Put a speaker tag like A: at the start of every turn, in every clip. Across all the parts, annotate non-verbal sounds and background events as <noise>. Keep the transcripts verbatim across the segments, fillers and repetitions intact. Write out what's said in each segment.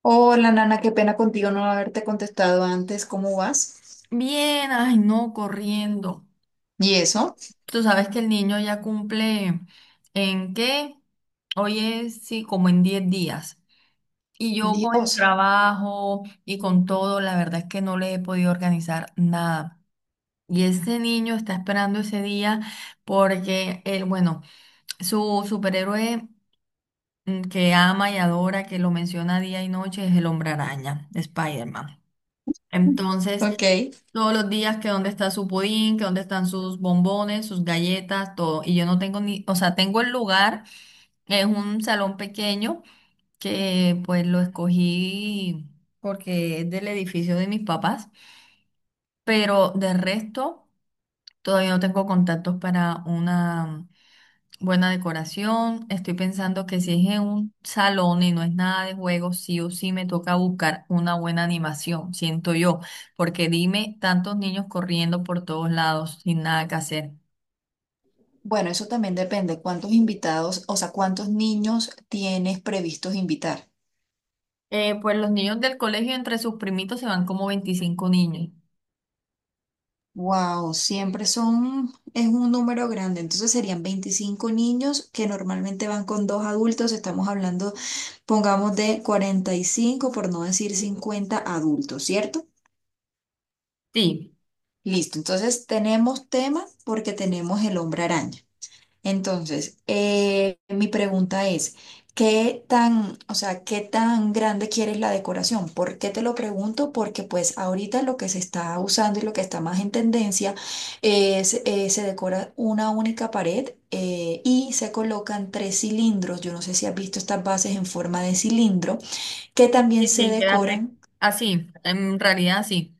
A: Hola, Nana, qué pena contigo no haberte contestado antes. ¿Cómo vas?
B: Bien, ay no, corriendo.
A: ¿Y eso?
B: Tú sabes que el niño ya cumple en qué, hoy es, sí, como en diez días. Y yo con el
A: Dios.
B: trabajo y con todo, la verdad es que no le he podido organizar nada. Y ese niño está esperando ese día porque él, bueno, su superhéroe mm, que ama y adora, que lo menciona día y noche, es el Hombre Araña, Spider-Man. Entonces,
A: Ok.
B: todos los días que dónde está su pudín, que dónde están sus bombones, sus galletas, todo. Y yo no tengo ni, o sea, tengo el lugar, es un salón pequeño que pues lo escogí porque es del edificio de mis papás, pero de resto todavía no tengo contactos para una buena decoración. Estoy pensando que si es en un salón y no es nada de juegos, sí o sí me toca buscar una buena animación, siento yo, porque dime, tantos niños corriendo por todos lados sin nada que hacer.
A: Bueno, eso también depende. ¿Cuántos invitados, o sea, cuántos niños tienes previstos invitar?
B: Eh, pues los niños del colegio entre sus primitos se van como veinticinco niños.
A: Wow, siempre son, es un número grande. Entonces serían veinticinco niños que normalmente van con dos adultos. Estamos hablando, pongamos, de cuarenta y cinco, por no decir cincuenta adultos, ¿cierto?
B: Sí,
A: Listo. Entonces tenemos tema porque tenemos el hombre araña. Entonces, eh, mi pregunta es, ¿qué tan, o sea, qué tan grande quieres la decoración? ¿Por qué te lo pregunto? Porque pues ahorita lo que se está usando y lo que está más en tendencia es, eh, se decora una única pared eh, y se colocan tres cilindros. Yo no sé si has visto estas bases en forma de cilindro que también
B: sí,
A: se
B: sí, queda re-
A: decoran.
B: así, en realidad sí.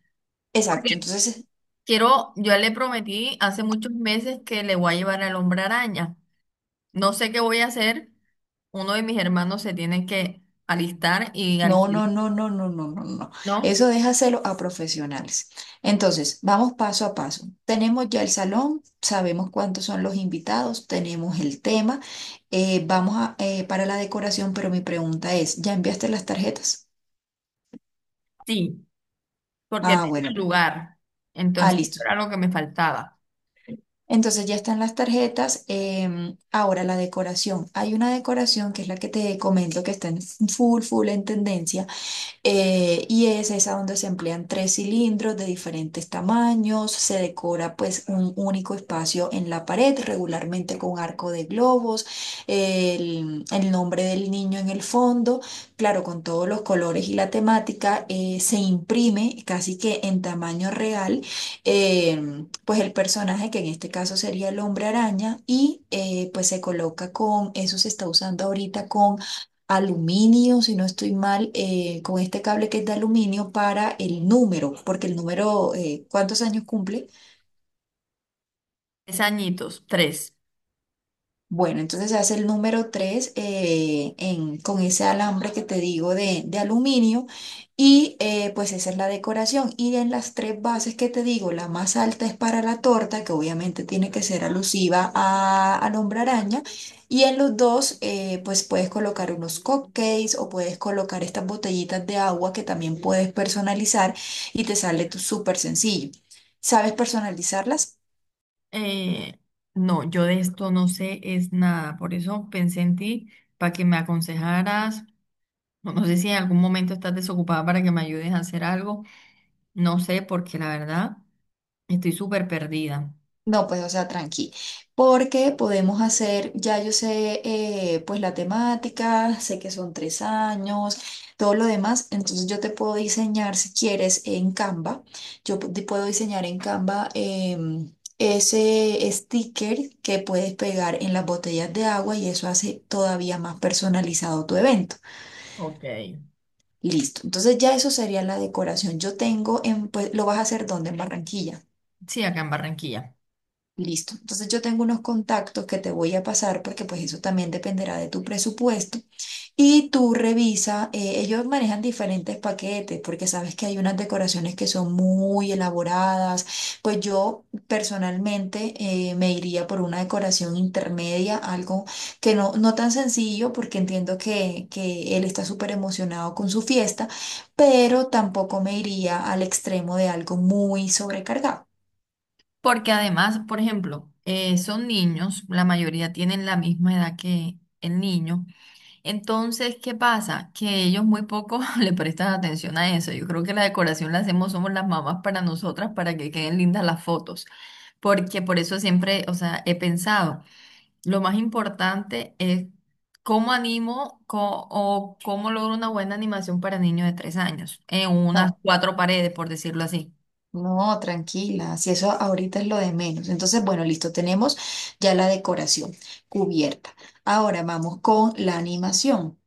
A: Exacto,
B: Porque
A: entonces
B: quiero, yo le prometí hace muchos meses que le voy a llevar al hombre araña. No sé qué voy a hacer. Uno de mis hermanos se tiene que alistar y
A: no, no,
B: alquilar,
A: no, no, no, no, no, no.
B: ¿no?
A: Eso déjaselo a profesionales. Entonces, vamos paso a paso. Tenemos ya el salón, sabemos cuántos son los invitados, tenemos el tema, eh, vamos a, eh, para la decoración, pero mi pregunta es, ¿ya enviaste las tarjetas?
B: Sí, porque
A: Ah,
B: tengo
A: bueno,
B: el
A: ya.
B: lugar.
A: Ah,
B: Entonces,
A: listo.
B: esto era lo que me faltaba.
A: Entonces ya están las tarjetas. Em, ahora la decoración. Hay una decoración que es la que te comento que está en full, full en tendencia. Eh, y es esa donde se emplean tres cilindros de diferentes tamaños, se decora pues un único espacio en la pared, regularmente con arco de globos, el, el nombre del niño en el fondo, claro, con todos los colores y la temática, eh, se imprime casi que en tamaño real, eh, pues el personaje que en este caso sería el hombre araña y eh, pues se coloca con, eso se está usando ahorita con aluminio, si no estoy mal, eh, con este cable que es de aluminio para el número, porque el número, eh, ¿cuántos años cumple?
B: Tres añitos, tres.
A: Bueno, entonces hace el número tres con ese alambre que te digo de, de aluminio y eh, pues esa es la decoración. Y en las tres bases que te digo, la más alta es para la torta, que obviamente tiene que ser alusiva a, al hombre araña. Y en los dos, eh, pues puedes colocar unos cupcakes o puedes colocar estas botellitas de agua que también puedes personalizar y te sale tú súper sencillo. ¿Sabes personalizarlas?
B: Eh, no, yo de esto no sé es nada. Por eso pensé en ti para que me aconsejaras. No, no sé si en algún momento estás desocupada para que me ayudes a hacer algo. No sé, porque la verdad estoy súper perdida.
A: No, pues, o sea, tranqui, porque podemos hacer, ya yo sé, eh, pues la temática, sé que son tres años, todo lo demás, entonces yo te puedo diseñar, si quieres, en Canva, yo pu- te puedo diseñar en Canva, em, ese sticker que puedes pegar en las botellas de agua y eso hace todavía más personalizado tu evento.
B: Ok.
A: Listo, entonces ya eso sería la decoración. Yo tengo, en, pues, lo vas a hacer ¿dónde? En Barranquilla.
B: Sí, acá en Barranquilla.
A: Listo. Entonces yo tengo unos contactos que te voy a pasar porque pues eso también dependerá de tu presupuesto. Y tú revisa, eh, ellos manejan diferentes paquetes porque sabes que hay unas decoraciones que son muy elaboradas. Pues yo personalmente eh, me iría por una decoración intermedia, algo que no, no tan sencillo porque entiendo que, que él está súper emocionado con su fiesta, pero tampoco me iría al extremo de algo muy sobrecargado.
B: Porque además, por ejemplo, eh, son niños, la mayoría tienen la misma edad que el niño. Entonces, ¿qué pasa? Que ellos muy poco <laughs> le prestan atención a eso. Yo creo que la decoración la hacemos, somos las mamás para nosotras, para que queden lindas las fotos. Porque por eso siempre, o sea, he pensado, lo más importante es cómo animo co- o cómo logro una buena animación para niños de tres años, en unas
A: No,
B: cuatro paredes, por decirlo así.
A: no, tranquila, si eso ahorita es lo de menos. Entonces, bueno, listo, tenemos ya la decoración cubierta. Ahora vamos con la animación.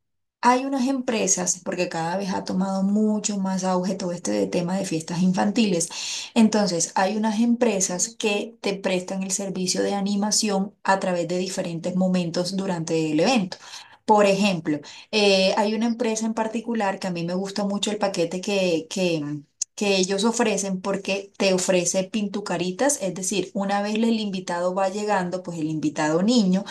A: Hay unas empresas, porque cada vez ha tomado mucho más auge todo este de tema de fiestas infantiles. Entonces, hay unas empresas que te prestan el servicio de animación a través de diferentes momentos durante el evento. Por ejemplo, eh, hay una empresa en particular que a mí me gusta mucho el paquete que, que que ellos ofrecen porque te ofrece pintucaritas, es decir, una vez el invitado va llegando, pues el invitado niño,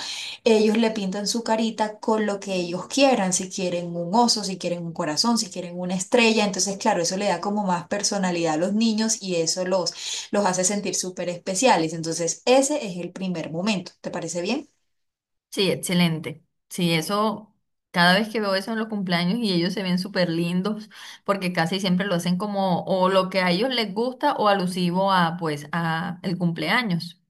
A: ellos le pintan su carita con lo que ellos quieran, si quieren un oso, si quieren un corazón, si quieren una estrella, entonces claro, eso le da como más personalidad a los niños y eso los, los hace sentir súper especiales, entonces ese es el primer momento, ¿te parece bien?
B: Sí, excelente. Sí, eso, cada vez que veo eso en los cumpleaños y ellos se ven súper lindos, porque casi siempre lo hacen como o lo que a ellos les gusta o alusivo a pues a el cumpleaños.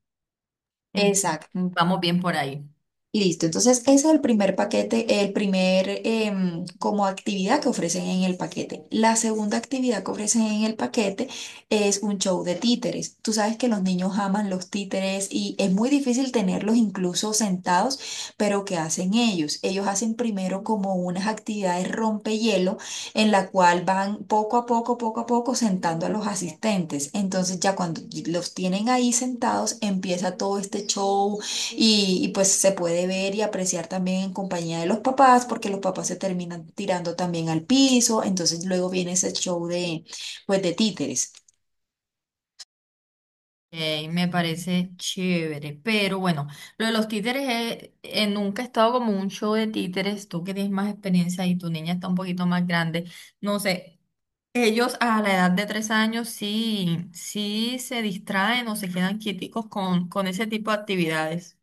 B: Entonces,
A: Exacto.
B: vamos bien por ahí.
A: Listo, entonces ese es el primer paquete, el primer em, como actividad que ofrecen en el paquete. La segunda actividad que ofrecen en el paquete es un show de títeres. Tú sabes que los niños aman los títeres y es muy difícil tenerlos incluso sentados, pero ¿qué hacen ellos? Ellos hacen primero como unas actividades rompehielo en la cual van poco a poco, poco a poco sentando a los asistentes. Entonces ya cuando los tienen ahí sentados empieza todo este show y, y pues se puede ver y apreciar también en compañía de los papás, porque los papás se terminan tirando también al piso, entonces luego viene ese show de, pues, de títeres.
B: Ok, me parece chévere, pero bueno, lo de los títeres, eh, eh, nunca he estado como en un show de títeres, tú que tienes más experiencia y tu niña está un poquito más grande, no sé, ellos a la edad de tres años sí, sí se distraen o se quedan quieticos con, con ese tipo de actividades.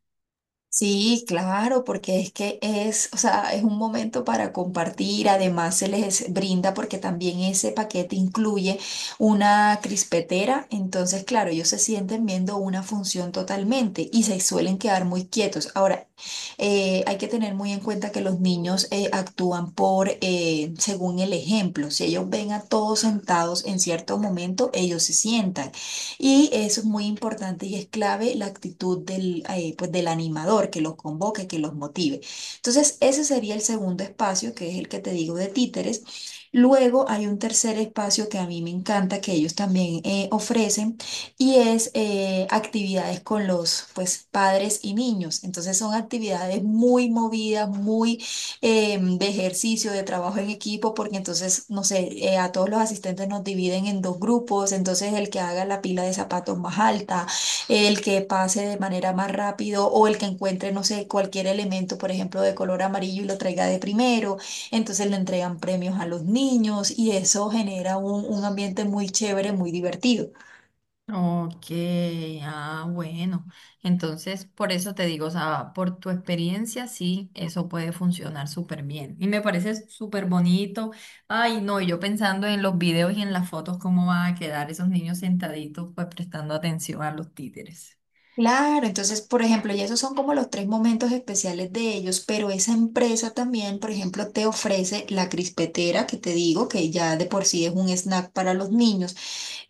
A: Sí, claro, porque es que es, o sea, es un momento para compartir. Además, se les brinda porque también ese paquete incluye una crispetera. Entonces, claro, ellos se sienten viendo una función totalmente y se suelen quedar muy quietos. Ahora, eh, hay que tener muy en cuenta que los niños eh, actúan por eh, según el ejemplo. Si ellos ven a todos sentados en cierto momento, ellos se sientan. Y eso es muy importante y es clave la actitud del, eh, pues, del animador que los convoque, que los motive. Entonces, ese sería el segundo espacio, que es el que te digo de títeres. Luego hay un tercer espacio que a mí me encanta, que ellos también eh, ofrecen, y es eh, actividades con los pues, padres y niños. Entonces son actividades muy movidas, muy eh, de ejercicio, de trabajo en equipo, porque entonces, no sé, eh, a todos los asistentes nos dividen en dos grupos, entonces el que haga la pila de zapatos más alta, el que pase de manera más rápido o el que encuentre, no sé, cualquier elemento, por ejemplo, de color amarillo y lo traiga de primero, entonces le entregan premios a los niños y eso genera un, un ambiente muy chévere, muy divertido.
B: Ok, ah, bueno. Entonces, por eso te digo, o sea, por tu experiencia, sí, eso puede funcionar súper bien. Y me parece súper bonito. Ay, no, y yo pensando en los videos y en las fotos, cómo van a quedar esos niños sentaditos, pues prestando atención a los títeres.
A: Claro, entonces, por ejemplo, y esos son como los tres momentos especiales de ellos, pero esa empresa también, por ejemplo, te ofrece la crispetera que te digo, que ya de por sí es un snack para los niños.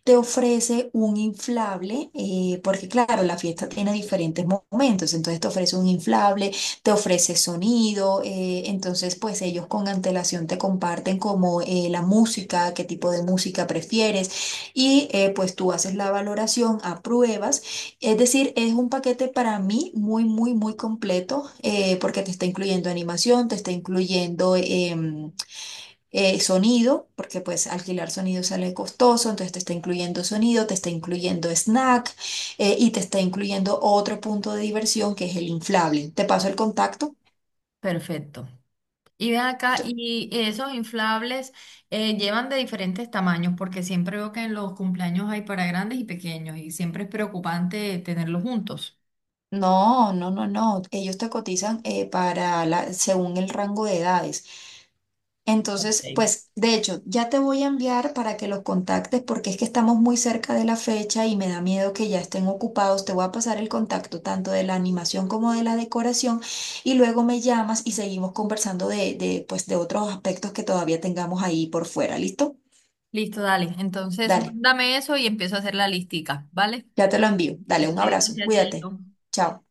A: Te ofrece un inflable, eh, porque claro, la fiesta tiene diferentes mo- momentos, entonces te ofrece un inflable, te ofrece sonido, eh, entonces pues ellos con antelación te comparten como eh, la música, qué tipo de música prefieres y eh, pues tú haces la valoración, apruebas, es decir, es un paquete para mí muy, muy, muy completo, eh, porque te está incluyendo animación, te está incluyendo, em, eh, sonido, porque pues alquilar sonido sale costoso, entonces te está incluyendo sonido, te está incluyendo snack, eh, y te está incluyendo otro punto de diversión que es el inflable. Te paso el contacto.
B: Perfecto. Y ven acá,
A: Tú,
B: y esos inflables eh, llevan de diferentes tamaños, porque siempre veo que en los cumpleaños hay para grandes y pequeños, y siempre es preocupante tenerlos juntos.
A: No, no, no, no. Ellos te cotizan eh, para la, según el rango de edades. Entonces,
B: Ok.
A: pues, de hecho, ya te voy a enviar para que los contactes porque es que estamos muy cerca de la fecha y me da miedo que ya estén ocupados. Te voy a pasar el contacto tanto de la animación como de la decoración y luego me llamas y seguimos conversando de, de, pues, de otros aspectos que todavía tengamos ahí por fuera. ¿Listo?
B: Listo, dale. Entonces,
A: Dale,
B: mándame eso y empiezo a hacer la listica, ¿vale?
A: ya te lo envío. Dale, un
B: Vale,
A: abrazo.
B: gracias,
A: Cuídate.
B: Chaito.
A: Chao.